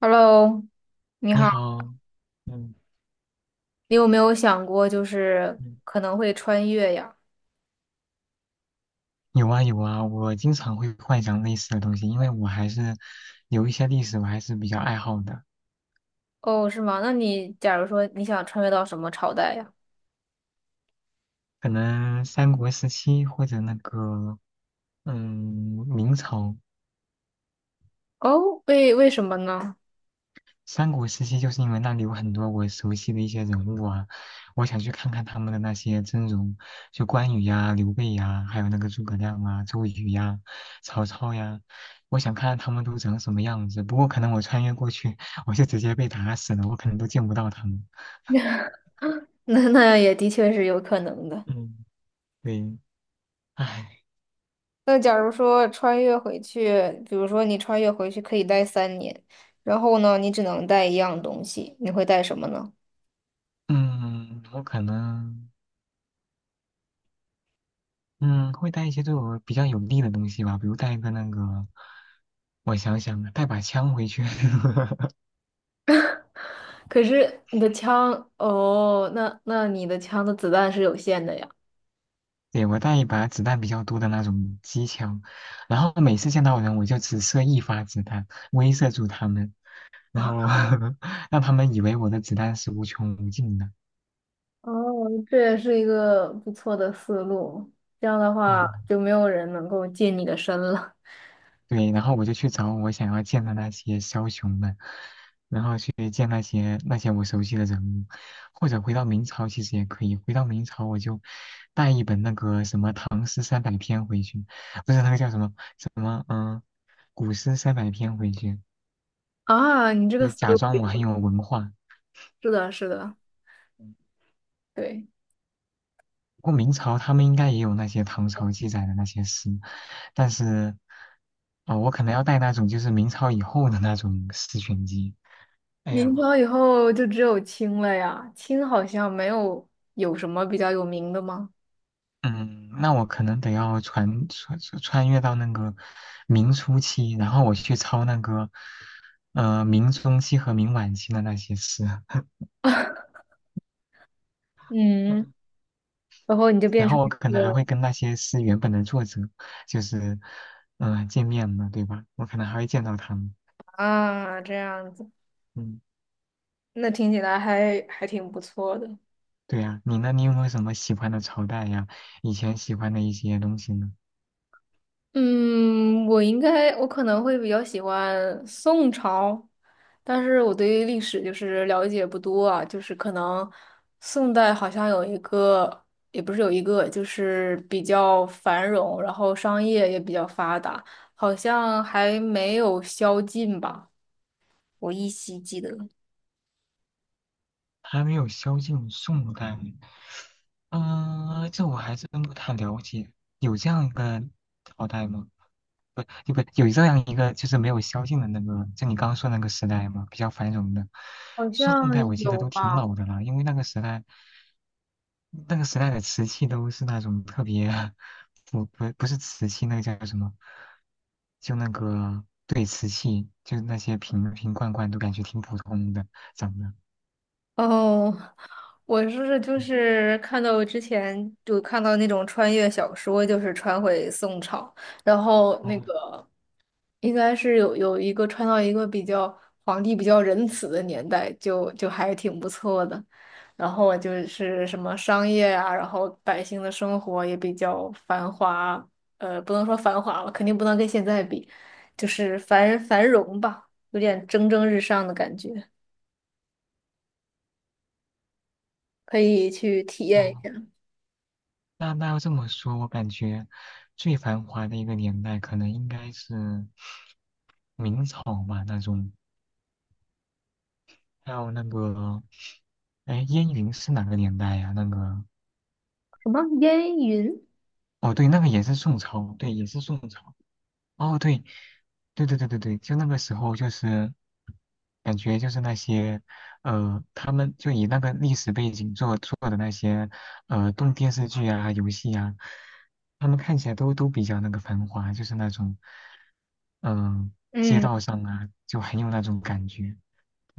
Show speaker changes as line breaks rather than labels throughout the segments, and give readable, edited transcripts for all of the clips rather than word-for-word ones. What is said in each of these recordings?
Hello，你
你
好，
好。嗯
你有没有想过就是
嗯，
可能会穿越呀？
有啊有啊，我经常会幻想类似的东西，因为我还是有一些历史我还是比较爱好的，
哦，是吗？那你假如说你想穿越到什么朝代呀？
可能三国时期或者嗯明朝。
哦，为什么呢？
三国时期就是因为那里有很多我熟悉的一些人物啊，我想去看看他们的那些真容，就关羽呀、刘备呀，还有那个诸葛亮啊、周瑜呀、曹操呀，我想看看他们都长什么样子。不过可能我穿越过去，我就直接被打死了，我可能都见不到他们。
那也的确是有可能的。
嗯，对，唉。
那假如说穿越回去，比如说你穿越回去可以待三年，然后呢，你只能带一样东西，你会带什么呢？
嗯，我可能嗯会带一些对我比较有利的东西吧，比如带一个那个，我想想，带把枪回去。
可是你的枪，哦，那你的枪的子弹是有限的呀。
对，我带一把子弹比较多的那种机枪，然后每次见到人我就只射一发子弹，威慑住他们，然后
啊。
让他们以为我的子弹是无穷无尽的。
哦，这也是一个不错的思路。这样的
嗯，
话，就没有人能够近你的身了。
对，然后我就去找我想要见的那些枭雄们，然后去见那些我熟悉的人物，或者回到明朝其实也可以。回到明朝我就带一本那个什么《唐诗三百篇》回去，不是那个叫什么。古诗三百篇回去，
啊，你这个
就
思
假
路
装我很有文化。
是的，是的，对。
不过明朝他们应该也有那些唐朝记载的那些诗，但是，我可能要带那种就是明朝以后的那种诗选集。哎
明
呀，
朝以后就只有清了呀，清好像没有，有什么比较有名的吗？
嗯，那我可能得要穿越到那个明初期，然后我去抄那个，明中期和明晚期的那些诗。
嗯，然后你就变
然后
成
我可
一
能还
个
会跟那些诗原本的作者，就是，见面嘛，对吧？我可能还会见到他们。
啊，这样子，
嗯，
那听起来还挺不错的。
对呀，你呢？你有没有什么喜欢的朝代呀？以前喜欢的一些东西呢？
嗯，我应该，我可能会比较喜欢宋朝，但是我对于历史就是了解不多啊，就是可能宋代好像有一个，也不是有一个，就是比较繁荣，然后商业也比较发达，好像还没有宵禁吧，我依稀记得。
还没有萧晋宋代，嗯，这我还真不太了解。有这样一个朝代吗？不，不，有这样一个就是没有萧晋的那个，就你刚刚说那个时代吗？比较繁荣的。
好
宋代
像
我记得
有
都挺
吧。
老的了，因为那个时代的瓷器都是那种特别，不是瓷器，那个叫什么？就那个对瓷器，就是那些瓶瓶罐罐都感觉挺普通的，长得。
哦，我是就
嗯，
是看到之前就看到那种穿越小说，就是穿回宋朝，然后那
哦
个应该是有一个穿到一个比较皇帝比较仁慈的年代，就还挺不错的。然后我就是什么商业啊，然后百姓的生活也比较繁华，不能说繁华吧，肯定不能跟现在比，就是繁荣吧，有点蒸蒸日上的感觉，可以去体验一
哦，
下。
那那要这么说，我感觉最繁华的一个年代，可能应该是明朝吧，那种。还有那个，哎，燕云是哪个年代呀、那个，
什么烟云？
哦，对，那个也是宋朝，对，也是宋朝。哦，对，对对对对对，就那个时候就是感觉就是那些，他们就以那个历史背景做的那些动电视剧啊、游戏啊，他们看起来都比较那个繁华，就是那种嗯、呃街
嗯，
道上啊，就很有那种感觉。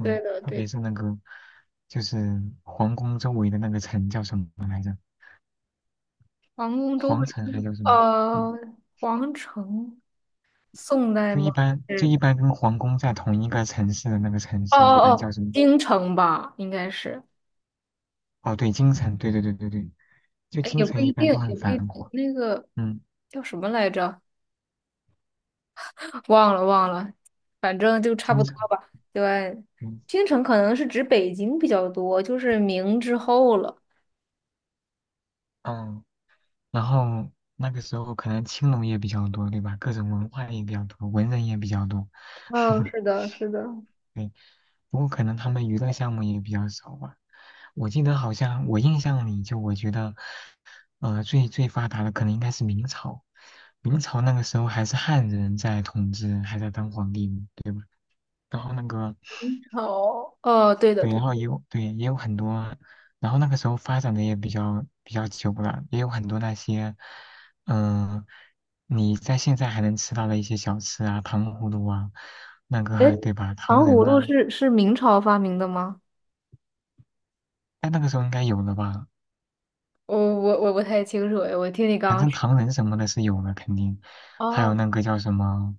对的，
特
对
别
的。
是那个就是皇宫周围的那个城叫什么来着？
皇宫周
皇
围
城还
是
叫什么？嗯，
皇城，宋代
就
吗？
一般就
是
一般跟皇宫在同一个城市的那个城
哦
市，一
哦
般叫
哦，
什么？
京城吧，应该是。
哦，对，京城，对对对对对，就
哎，也
京
不
城
一
一般
定，
都
也
很
不一
繁
定。
华。
那个
嗯，
叫什么来着？忘了，反正就差不
京
多
城，
吧。对，
嗯
京城可能是指北京比较多，就是明之后了。
嗯，然后那个时候可能青楼也比较多，对吧？各种文化也比较多，文人也比较多。
嗯、是 的，是的。
对。不过可能他们娱乐项目也比较少吧。我记得好像我印象里，就我觉得，最最发达的可能应该是明朝。明朝那个时候还是汉人在统治，还在当皇帝呢，对吧？然后那个，
哦哦，对的
对，然
对。
后也有对也有很多，然后那个时候发展的也比较久了，也有很多那些，嗯、你在现在还能吃到的一些小吃啊，糖葫芦啊，那
哎，
个对吧？
糖
糖
葫
人
芦
啊，
是明朝发明的吗？
但那个时候应该有了吧？
我不太清楚哎，我听你刚
反
刚
正
说。
唐人什么的是有的，肯定，还有
哦
那个叫什么，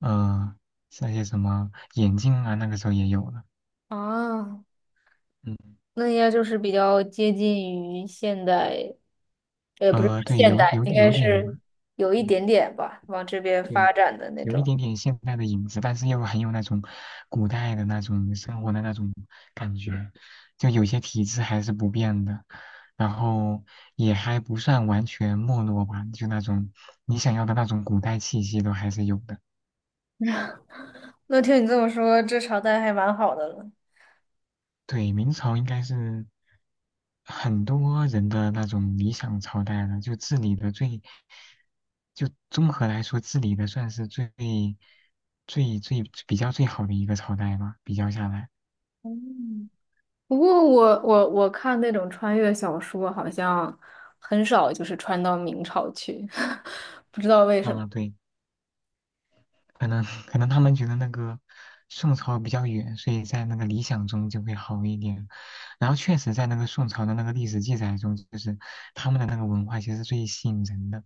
呃，那些什么眼镜啊，那个时候也有了。
啊，
嗯，
那应该就是比较接近于现代，不是
对，
现代，应该
有点
是
吧。
有一
嗯，
点点吧，往这边
对，
发展的那
有一
种。
点点现代的影子，但是又很有那种古代的那种生活的那种感觉，就有些体制还是不变的，然后也还不算完全没落吧，就那种你想要的那种古代气息都还是有的。
那听你这么说，这朝代还蛮好的了。
对，明朝应该是很多人的那种理想朝代了，就治理的最，就综合来说，治理的算是最比较最好的一个朝代吧。比较下来，
嗯，不过我看那种穿越小说，好像很少就是穿到明朝去，不知道为什么，
啊，对，可能他们觉得那个宋朝比较远，所以在那个理想中就会好一点。然后确实，在那个宋朝的那个历史记载中，就是他们的那个文化其实最吸引人的，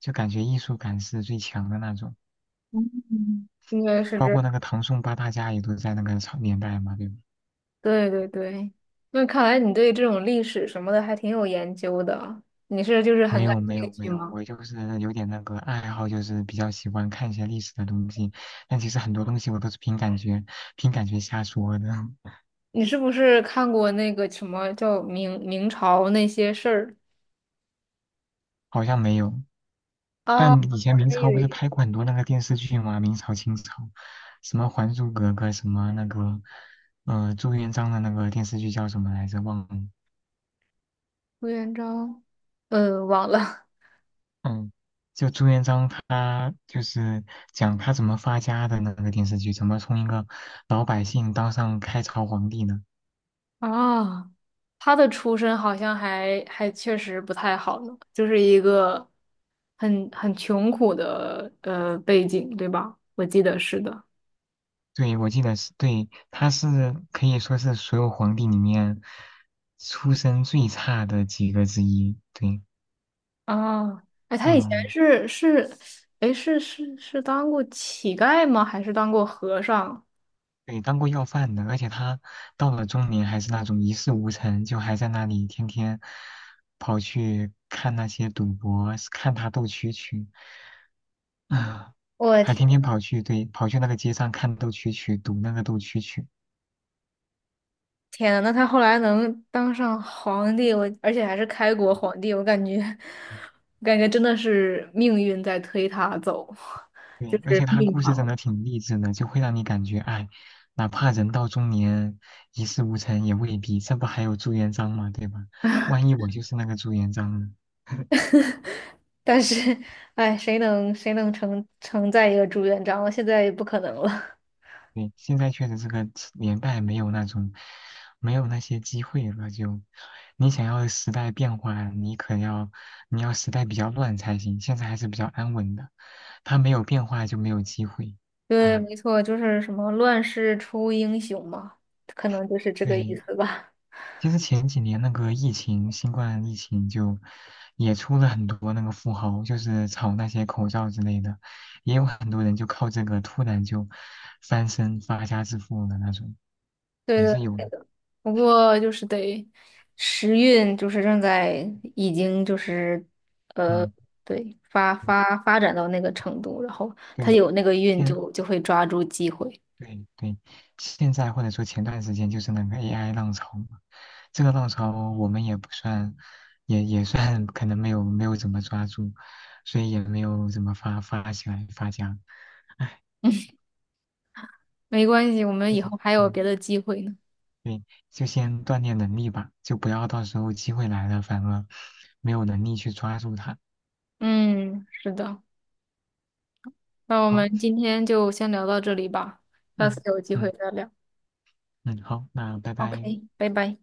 就感觉艺术感是最强的那种。
嗯，应该是
包
这。
括那个唐宋八大家也都在那个朝年代嘛，对吧？
对对对，那看来你对这种历史什么的还挺有研究的。你是就是很感兴
没
趣
有，
吗？
我就是有点那个爱好，就是比较喜欢看一些历史的东西，但其实很多东西我都是凭感觉，凭感觉瞎说的。
你是不是看过那个什么叫明朝那些事儿
好像没有。
啊？
但以前
我
明
还以
朝不是
为
拍过很多那个电视剧吗？明朝、清朝，什么《还珠格格》，什么那个，朱元璋的那个电视剧叫什么来着？忘了。
朱元璋，忘了。
嗯，就朱元璋他就是讲他怎么发家的那个电视剧，怎么从一个老百姓当上开朝皇帝呢？
啊。他的出身好像还确实不太好呢，就是一个很穷苦的背景，对吧？我记得是的。
对，我记得是对，他是可以说是所有皇帝里面出身最差的几个之一。对，
啊，哎，他以前
嗯，
是，哎，是当过乞丐吗？还是当过和尚？
对，当过要饭的，而且他到了中年还是那种一事无成，就还在那里天天跑去看那些赌博，看他斗蛐蛐。啊，
我的
还
天，
天天跑去，对，跑去那个街上看斗蛐蛐，赌那个斗蛐蛐。
天呐，那他后来能当上皇帝，我而且还是开国皇帝，我感觉真的是命运在推他走，就
对，而
是
且他
命
故
吧。
事真的挺励志的，就会让你感觉，哎，哪怕人到中年一事无成也未必，这不还有朱元璋吗？对吧？万一我就是那个朱元璋呢？
但是，哎，谁能承载一个朱元璋？现在也不可能了。
对，现在确实这个年代没有那种，没有那些机会了。就你想要时代变化，你要时代比较乱才行。现在还是比较安稳的，它没有变化就没有机会。
对，
啊，
没错，就是什么乱世出英雄嘛，可能就是这个意
对，
思吧。
其实前几年那个疫情，新冠疫情就也出了很多那个富豪，就是炒那些口罩之类的，也有很多人就靠这个突然就翻身发家致富的那种，
对
也
对
是有的。
不过就是得时运，就是正在已经就是
嗯。
对发展到那个程度，然后他
对，
有那个运
现
就会抓住机会。
对对，现在或者说前段时间就是那个 AI 浪潮嘛，这个浪潮我们也不算，也算可能没有怎么抓住，所以也没有怎么发起来发家。
没关系，我们
嗯，
以后还有
嗯,
别的机会呢。
对，就先锻炼能力吧，就不要到时候机会来了反而没有能力去抓住它。
嗯，是的，那我
好，
们今天就先聊到这里吧，下次
嗯
有机会
嗯
再聊。
嗯，好，那拜拜。
OK，拜拜。